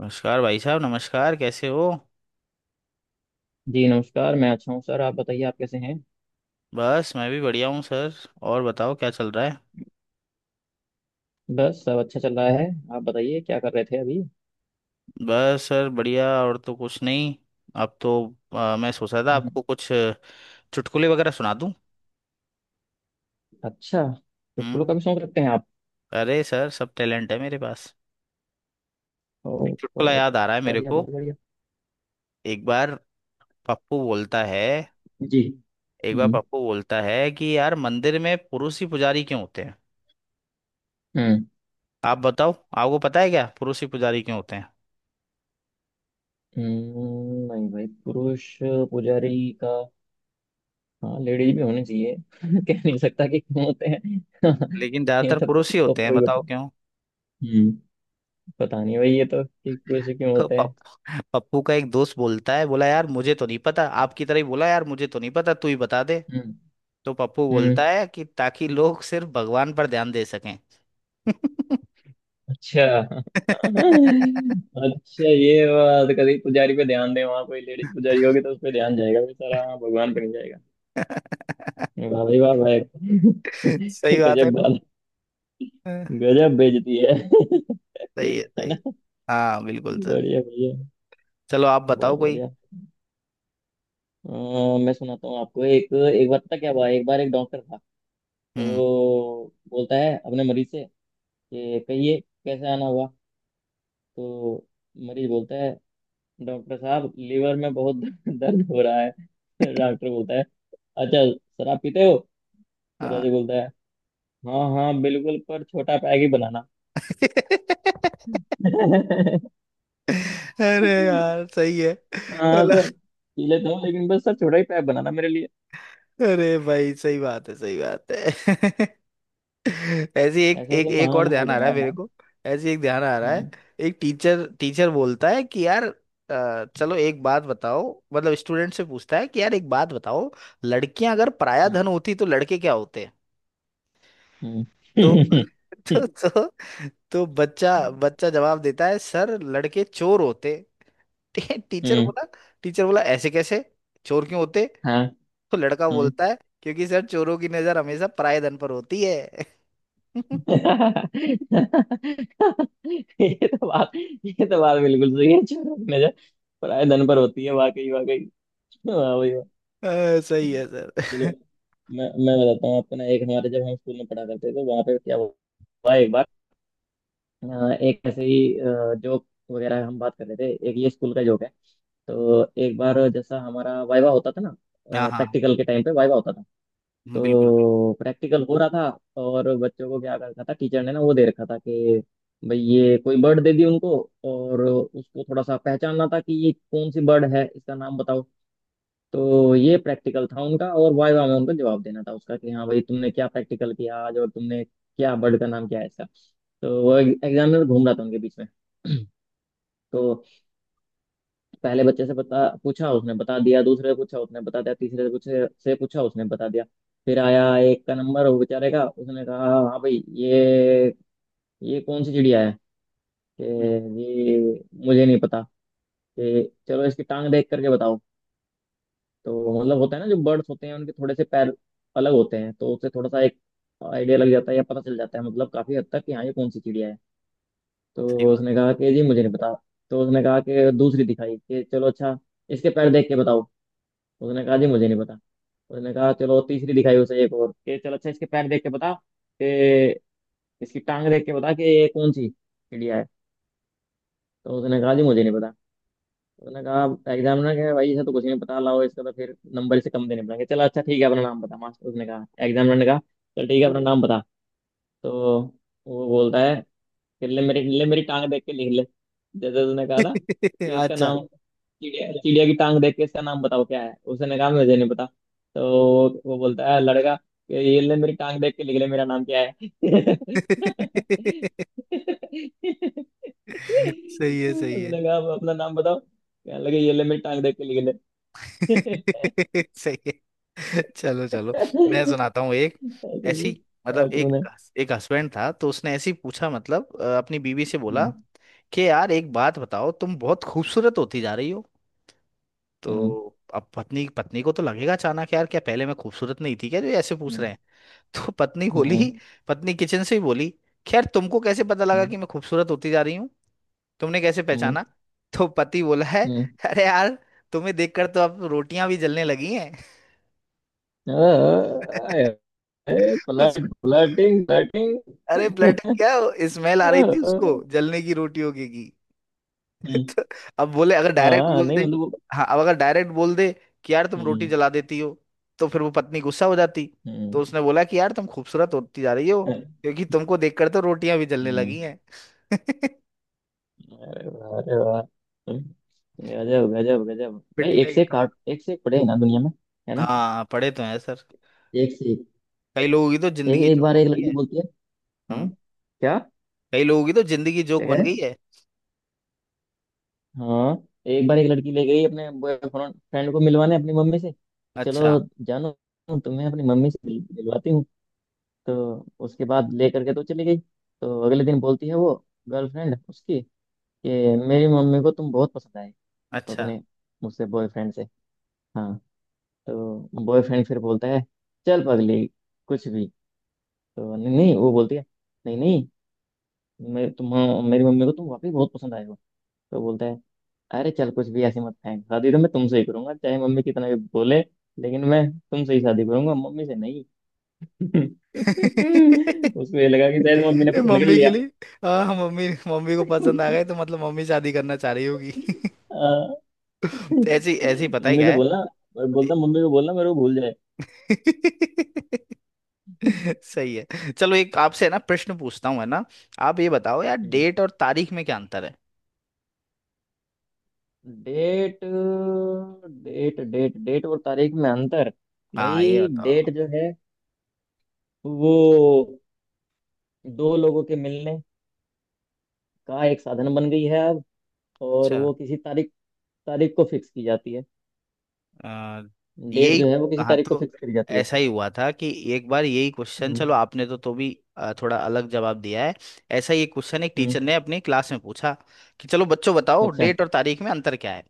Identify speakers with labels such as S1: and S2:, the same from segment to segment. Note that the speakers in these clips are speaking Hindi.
S1: नमस्कार भाई साहब। नमस्कार। कैसे हो।
S2: जी नमस्कार। मैं अच्छा हूँ सर। आप बताइए, आप कैसे हैं?
S1: बस मैं भी बढ़िया हूँ सर। और बताओ क्या चल रहा है।
S2: बस सब अच्छा चल रहा है। आप बताइए, क्या कर रहे थे अभी?
S1: बस सर बढ़िया और तो कुछ नहीं। अब तो। मैं सोच रहा था
S2: हम्म।
S1: आपको कुछ चुटकुले वगैरह सुना दूँ।
S2: अच्छा। चुटकुलों
S1: हम्म।
S2: का भी शौक रखते हैं आप?
S1: अरे सर सब टैलेंट है मेरे पास।
S2: ओ,
S1: एक चुटकुला
S2: बहुत।
S1: याद आ रहा है मेरे
S2: बढ़िया,
S1: को।
S2: बहुत बढ़िया।
S1: एक बार पप्पू बोलता है
S2: जी।
S1: एक बार
S2: हम्म।
S1: पप्पू बोलता है कि यार मंदिर में पुरुष ही पुजारी क्यों होते हैं।
S2: हम्म।
S1: आप बताओ। आपको पता है क्या पुरुष ही पुजारी क्यों होते हैं।
S2: नहीं भाई, पुरुष पुजारी का। हाँ, लेडीज भी होने चाहिए। कह नहीं सकता कि क्यों होते हैं।
S1: लेकिन
S2: ये
S1: ज्यादातर
S2: तो,
S1: पुरुष ही
S2: तो
S1: होते हैं
S2: कोई
S1: बताओ
S2: बता।
S1: क्यों।
S2: हम्म। पता नहीं भाई, ये तो कि पुरुष क्यों होते हैं।
S1: पप्पू का एक दोस्त बोलता है बोला यार मुझे तो नहीं पता आपकी तरह ही बोला यार मुझे तो नहीं पता तू ही बता दे।
S2: हम्म।
S1: तो पप्पू
S2: हम्म।
S1: बोलता है कि ताकि लोग सिर्फ भगवान पर ध्यान दे सकें।
S2: अच्छा। अच्छा, ये बात। कभी पुजारी पे ध्यान दे, वहां कोई लेडीज पुजारी होगी तो उस पे ध्यान जाएगा बेचारा, हाँ, भगवान पे नहीं जाएगा। वाह भाई, वाह भाई।
S1: सही बात है
S2: गजब
S1: ना।
S2: बात।
S1: हाँ,
S2: गजब बेइज्जती है।
S1: सही है
S2: है
S1: सही है।
S2: ना।
S1: हाँ बिल्कुल सर।
S2: बढ़िया बढ़िया।
S1: चलो आप बताओ
S2: बहुत
S1: कोई।
S2: बढ़िया। मैं सुनाता हूँ आपको, एक एक बार पता क्या हुआ, एक बार एक डॉक्टर था। तो
S1: हम्म।
S2: बोलता है अपने मरीज से, कि कहिए, कैसे आना हुआ? तो मरीज बोलता है, डॉक्टर साहब, लीवर में बहुत दर्द हो रहा है। डॉक्टर बोलता है, अच्छा, शराब पीते हो?
S1: हाँ।
S2: फिरोजी बोलता है, हाँ हाँ, बिल्कुल, पर छोटा पैग ही बनाना।
S1: अरे यार सही है।
S2: हाँ सर, पी लेता हूँ, लेकिन बस सर छोटा ही पैग बनाना मेरे लिए।
S1: अरे भाई सही बात है सही बात है। ऐसी एक
S2: ऐसे ऐसे
S1: एक एक
S2: महान
S1: और
S2: लोग
S1: ध्यान आ
S2: हैं
S1: रहा है
S2: यार,
S1: मेरे
S2: हैं।
S1: को। ऐसी एक ध्यान आ रहा है।
S2: हम्म।
S1: एक टीचर टीचर बोलता है कि यार चलो एक बात बताओ। मतलब स्टूडेंट से पूछता है कि यार एक बात बताओ। लड़कियां अगर पराया
S2: हम्म।
S1: धन होती तो लड़के क्या होते। तो
S2: हम्म।
S1: तो तो, तो बच्चा बच्चा जवाब देता है सर लड़के चोर होते। टीचर
S2: हम्म।
S1: बोला। टीचर बोला ऐसे कैसे। चोर क्यों होते।
S2: हाँ।
S1: तो लड़का
S2: हम्म।
S1: बोलता है क्योंकि सर चोरों की नजर हमेशा पराये धन पर होती है।
S2: ये तो बात बिल्कुल सही है। छोटा नजर पराये धन पर होती है, वाकई वाकई। वाह भाई।
S1: सही है सर।
S2: चलो, मैं बताता हूँ आपको ना, एक हमारे, जब हम स्कूल में पढ़ा करते थे, तो वहाँ पे क्या हुआ। एक बार, एक ऐसे ही जोक वगैरह हम बात कर रहे थे, एक ये स्कूल का जोक है। तो एक बार, जैसा हमारा वाइवा होता था ना,
S1: हाँ हाँ
S2: प्रैक्टिकल के टाइम पे वाइवा होता था।
S1: बिल्कुल बिल्कुल।
S2: तो प्रैक्टिकल हो रहा था, और बच्चों को क्या कर रखा था टीचर ने ना, वो दे रखा था कि भाई ये कोई बर्ड दे दी उनको, और उसको थोड़ा सा पहचानना था कि ये कौन सी बर्ड है, इसका नाम बताओ। तो ये प्रैक्टिकल था उनका, और वाइवा में उनको जवाब देना था उसका, कि हाँ भाई तुमने क्या प्रैक्टिकल किया आज, और तुमने क्या बर्ड का नाम क्या है इसका। तो वो एग्जामिनर घूम रहा था उनके बीच में। तो पहले बच्चे से बता पूछा, उसने बता दिया। दूसरे से पूछा, उसने बता दिया। तीसरे से पूछे से पूछा, उसने बता दिया। फिर आया एक का नंबर वो बेचारे का। उसने कहा, हाँ भाई ये कौन सी चिड़िया है? कि
S1: हम्म,
S2: ये, मुझे नहीं पता। कि चलो इसकी टांग देख करके बताओ। तो मतलब होता है ना, जो बर्ड्स होते हैं उनके थोड़े से पैर अलग होते हैं, तो उससे थोड़ा सा एक आइडिया लग जाता है या पता चल जाता है मतलब काफी हद तक कि हाँ ये कौन सी चिड़िया है।
S1: सही
S2: तो उसने कहा कि जी मुझे नहीं पता। तो उसने कहा कि दूसरी दिखाई, कि चलो अच्छा इसके पैर देख के बताओ। उसने कहा, जी मुझे नहीं पता। उसने कहा चलो, तीसरी दिखाई उसे एक और, कि चलो अच्छा इसके पैर देख के बता, कि इसकी टांग देख के बता कि ये कौन सी चिड़िया है। तो उसने कहा, जी मुझे नहीं पता। मैंने कहा एग्जामिनर, कह भाई इसे तो कुछ नहीं पता, लाओ इसका तो फिर नंबर से कम देने पड़ेंगे। चला अच्छा ठीक है, अपना नाम बता मास्टर। उसने कहा, एग्जामिनर ने कहा, चल ठीक है अपना नाम बता। तो वो बोलता है, ले मेरी टांग देख के लिख ले। जैसे उसने कहा
S1: बात।
S2: था कि इसका
S1: अच्छा।
S2: नाम चिड़िया, चिड़िया की टांग देख के इसका नाम बताओ क्या है, उसने कहा मुझे नहीं पता। तो वो बोलता है लड़का कि, ये ले मेरी टांग देख के लिख ले मेरा नाम क्या है। उसने
S1: सही है सही है।
S2: कहा, "अब अपना नाम बताओ क्या लगे, ये ले मेरी टांग देख के लिख ले।"
S1: सही है चलो चलो। मैं सुनाता हूँ एक ऐसी मतलब एक।
S2: कार्टून है।
S1: एक हस्बैंड था तो उसने ऐसी पूछा मतलब अपनी बीवी से बोला
S2: हम्म।
S1: कि यार एक बात बताओ तुम बहुत खूबसूरत होती जा रही हो।
S2: हम्म।
S1: तो अब पत्नी पत्नी को तो लगेगा अचानक यार क्या पहले मैं खूबसूरत नहीं थी क्या जो ये ऐसे पूछ
S2: हम्म।
S1: रहे हैं। तो पत्नी बोली।
S2: हम्म।
S1: पत्नी किचन से ही बोली खैर तुमको कैसे पता लगा
S2: हम्म।
S1: कि मैं खूबसूरत होती जा रही हूँ। तुमने कैसे
S2: हम्म।
S1: पहचाना। तो पति बोला है अरे यार तुम्हें देखकर तो अब रोटियां भी जलने लगी हैं।
S2: हम्म।
S1: उसको।
S2: Flirting, flirting.
S1: अरे फ्लर्टिंग क्या। स्मेल आ रही थी उसको जलने की रोटियों की। तो अब बोले अगर डायरेक्ट
S2: हाँ,
S1: बोल
S2: नहीं
S1: दे।
S2: मतलब वो।
S1: हाँ अब अगर डायरेक्ट बोल दे कि यार तुम रोटी
S2: हम्म।
S1: जला देती हो तो फिर वो पत्नी गुस्सा हो जाती। तो
S2: हम्म।
S1: उसने बोला कि यार तुम खूबसूरत होती जा रही हो क्योंकि तुमको देखकर तो रोटियां भी जलने
S2: हम्म।
S1: लगी हैं।
S2: अरे वाह, अरे वाह। गजब, गजब, गजब। भाई, एक
S1: पिटने के
S2: से एक काट,
S1: काम।
S2: एक से एक पड़े हैं ना दुनिया में। है ना।
S1: हाँ पढ़े तो हैं सर।
S2: एक से एक।
S1: कई लोगों की तो
S2: एक
S1: जिंदगी
S2: एक
S1: जोक
S2: बार एक
S1: होती
S2: लड़की
S1: है।
S2: बोलती है। हाँ।
S1: हम्म।
S2: क्या क्या?
S1: कई लोगों की तो जिंदगी
S2: कह
S1: जोक
S2: रहे
S1: बन गई
S2: हैं?
S1: है।
S2: हाँ। एक बार एक लड़की ले गई अपने बॉयफ्रेंड फ्रेंड को मिलवाने अपनी मम्मी से, कि चलो
S1: अच्छा।
S2: जानो, तुम्हें अपनी मम्मी से मिलवाती हूँ। तो उसके बाद ले करके तो चली गई। तो अगले दिन बोलती है वो, गर्लफ्रेंड उसकी, कि मेरी मम्मी को तुम बहुत पसंद आए। तो
S1: अच्छा।
S2: अपने मुझसे, बॉयफ्रेंड से। हाँ। तो बॉयफ्रेंड फिर बोलता है, चल पगली, कुछ भी। तो नहीं नहीं, वो बोलती है, नहीं नहीं, मैं तुम मेरी मम्मी को तुम वाकई बहुत पसंद आए हो। तो बोलता है, अरे चल, कुछ भी ऐसी मत फेंक, शादी तो मैं तुमसे ही करूंगा चाहे मम्मी कितना भी बोले, लेकिन मैं तुमसे ही शादी करूंगा, मम्मी से नहीं। उसको ये लगा कि शायद मम्मी ने
S1: ये
S2: पसंद कर
S1: मम्मी के
S2: लिया।
S1: लिए। हाँ हाँ, मम्मी मम्मी को पसंद आ गए तो मतलब मम्मी शादी करना चाह रही होगी।
S2: अ,
S1: तो ऐसी ऐसी पता ही
S2: मम्मी
S1: क्या
S2: से
S1: है।
S2: बोलना, मैं बोलता मम्मी को बोलना मेरे को भूल जाए।
S1: सही है चलो एक आपसे है ना प्रश्न पूछता हूँ है ना। आप ये बताओ यार डेट और तारीख में क्या अंतर है।
S2: डेट। डेट और तारीख में अंतर?
S1: हाँ ये
S2: भाई
S1: बताओ।
S2: डेट जो है, वो दो लोगों के मिलने का एक साधन बन गई है अब। और
S1: अच्छा।
S2: वो किसी तारीख तारीख को फिक्स की जाती है।
S1: आ,
S2: डेट
S1: यही।
S2: जो है वो किसी
S1: हाँ
S2: तारीख को
S1: तो
S2: फिक्स करी जाती है।
S1: ऐसा ही हुआ था कि एक बार यही क्वेश्चन
S2: हम्म।
S1: चलो आपने तो भी थोड़ा अलग जवाब दिया है। ऐसा ही एक क्वेश्चन एक
S2: हम्म।
S1: टीचर ने अपनी क्लास में पूछा कि चलो बच्चों बताओ
S2: अच्छा।
S1: डेट और तारीख में अंतर क्या है।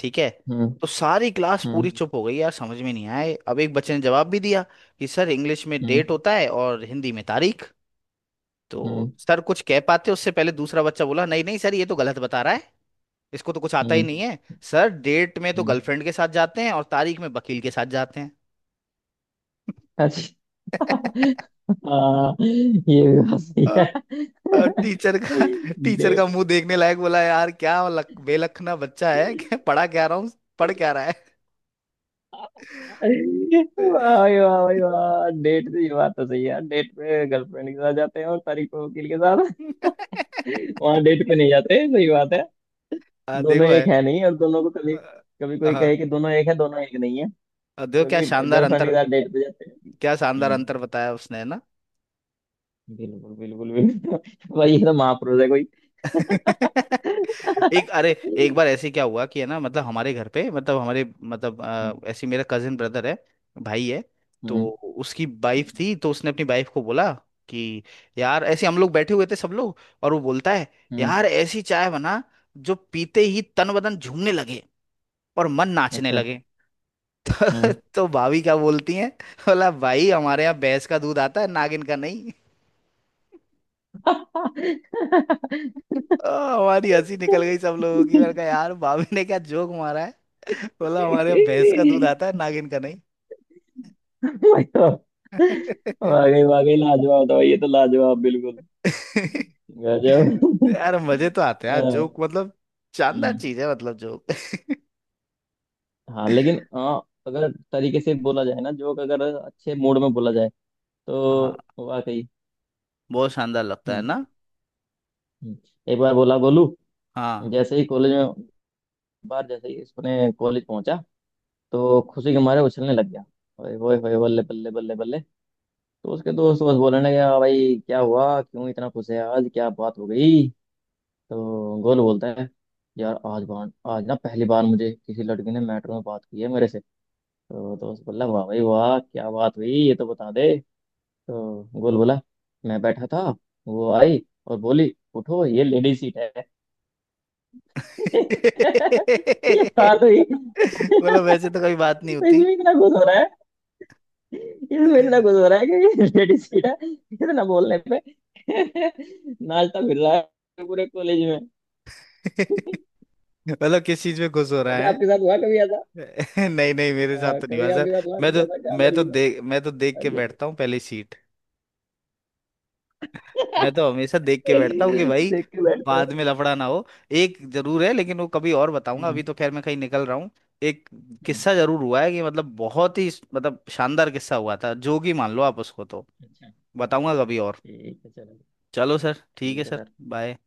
S1: ठीक है।
S2: हम्म।
S1: तो सारी क्लास पूरी
S2: हम्म।
S1: चुप हो गई यार समझ में नहीं आए अब एक बच्चे ने जवाब भी दिया कि सर इंग्लिश में
S2: हम्म।
S1: डेट होता है और हिंदी में तारीख। तो
S2: हम्म।
S1: सर कुछ कह पाते उससे पहले दूसरा बच्चा बोला नहीं नहीं सर ये तो गलत बता रहा है। इसको तो कुछ आता ही
S2: हम्म।
S1: नहीं है। सर डेट में तो
S2: हम्म।
S1: गर्लफ्रेंड के साथ जाते हैं और तारीख में वकील के साथ जाते हैं।
S2: अच्छा। हाँ, ये भी बात सही है।
S1: टीचर का टीचर का
S2: डेट।
S1: मुंह देखने लायक। बोला यार क्या बेलखना बच्चा है। क्या पढ़ा क्या रहा हूँ। पढ़ क्या रहा है।
S2: वाह भाई, वाह भाई वाह, डेट से ये बात तो सही है यार, डेट पे गर्लफ्रेंड के साथ जाते हैं और तारीख को वकील के साथ। वहां डेट पे नहीं जाते, सही बात है। दोनों
S1: देखो है।
S2: एक है नहीं, और दोनों को कभी कभी कोई कहे
S1: हाँ।
S2: कि दोनों एक है, दोनों एक नहीं है।
S1: देखो क्या
S2: क्योंकि
S1: शानदार
S2: गर्लफ्रेंड के
S1: अंतर।
S2: साथ डेट पे जाते हैं।
S1: क्या शानदार
S2: हम्म।
S1: अंतर बताया उसने है ना।
S2: बिल्कुल बिल्कुल बिल्कुल। भाई ये तो महापुरुष है कोई।
S1: एक अरे। एक बार ऐसे क्या हुआ कि है ना मतलब हमारे घर पे मतलब हमारे मतलब ऐसे मेरा कजिन ब्रदर है। भाई है।
S2: हम्म।
S1: तो
S2: हम्म।
S1: उसकी वाइफ थी तो उसने अपनी वाइफ को बोला कि यार ऐसे हम लोग बैठे हुए थे सब लोग और वो बोलता है
S2: हम्म।
S1: यार ऐसी चाय बना जो पीते ही तन बदन झूमने लगे और मन नाचने
S2: अच्छा।
S1: लगे।
S2: हम्म।
S1: तो भाभी क्या बोलती है। बोला भाई हमारे यहाँ भैंस का दूध आता है नागिन का नहीं। हमारी हंसी निकल गई सब लोगों की। मैंने कहा यार भाभी ने क्या जोक मारा है। बोला हमारे यहाँ भैंस का दूध आता है नागिन का नहीं।
S2: मतलब, वाकई वाकई लाजवाब था भाई, ये तो लाजवाब बिल्कुल। गजब।
S1: यार मजे तो आते हैं
S2: हाँ।
S1: यार जोक मतलब शानदार
S2: हम्म,
S1: चीज है मतलब जोक।
S2: हाँ, लेकिन हाँ, अगर तरीके से बोला जाए ना जोक, अगर अच्छे मूड में बोला जाए
S1: हाँ।
S2: तो वाकई।
S1: बहुत शानदार लगता है
S2: हम्म।
S1: ना।
S2: हम्म। एक बार बोला गोलू,
S1: हाँ।
S2: जैसे ही कॉलेज में, बार जैसे ही उसने कॉलेज पहुंचा, तो खुशी के मारे उछलने लग गया। ओए होए होए, बल्ले बल्ले बल्ले बल्ले। तो उसके दोस्त बस बोलने लगे, "आ भाई क्या हुआ, क्यों इतना खुश है आज, क्या बात हो गई?" तो गोलू बोलता है, यार आज ना पहली बार मुझे किसी लड़की ने मेट्रो में बात की है मेरे से। तो दोस्त बोला, वाह भाई वाह, क्या बात हुई, ये तो बता दे। तो गोल बोला, मैं बैठा था, वो आई और बोली, उठो ये लेडी सीट है। ये बात हुई।
S1: बोला वैसे तो कोई बात नहीं
S2: तो
S1: होती।
S2: इसमें इतना खुश हो रहा है। इसमें इतना कुछ हो रहा है कि लेडीज सीटा, इतना बोलने पे नाश्ता मिल रहा है पूरे कॉलेज में।
S1: मतलब किस चीज में खुश हो रहा।
S2: अच्छा, आपके साथ हुआ कभी ऐसा?
S1: नहीं नहीं मेरे साथ तो नहीं हुआ
S2: कभी आपके
S1: सर।
S2: साथ हुआ
S1: मैं
S2: कुछ
S1: तो।
S2: ऐसा, क्या लड़की ने?
S1: मैं तो देख के बैठता हूँ पहले सीट। मैं
S2: अच्छा।
S1: तो हमेशा देख के बैठता हूँ कि भाई
S2: देख के बैठते हो?
S1: बाद में लफड़ा ना हो। एक जरूर है लेकिन वो कभी और बताऊंगा,
S2: हम्म।
S1: अभी तो खैर मैं कहीं निकल रहा हूँ। एक
S2: हम्म।
S1: किस्सा जरूर हुआ है कि मतलब बहुत ही मतलब शानदार किस्सा हुआ था, जोगी मान लो आप उसको, तो
S2: अच्छा।
S1: बताऊंगा कभी और।
S2: ठीक है, चलो
S1: चलो सर ठीक है
S2: ठीक है
S1: सर।
S2: सर।
S1: बाय।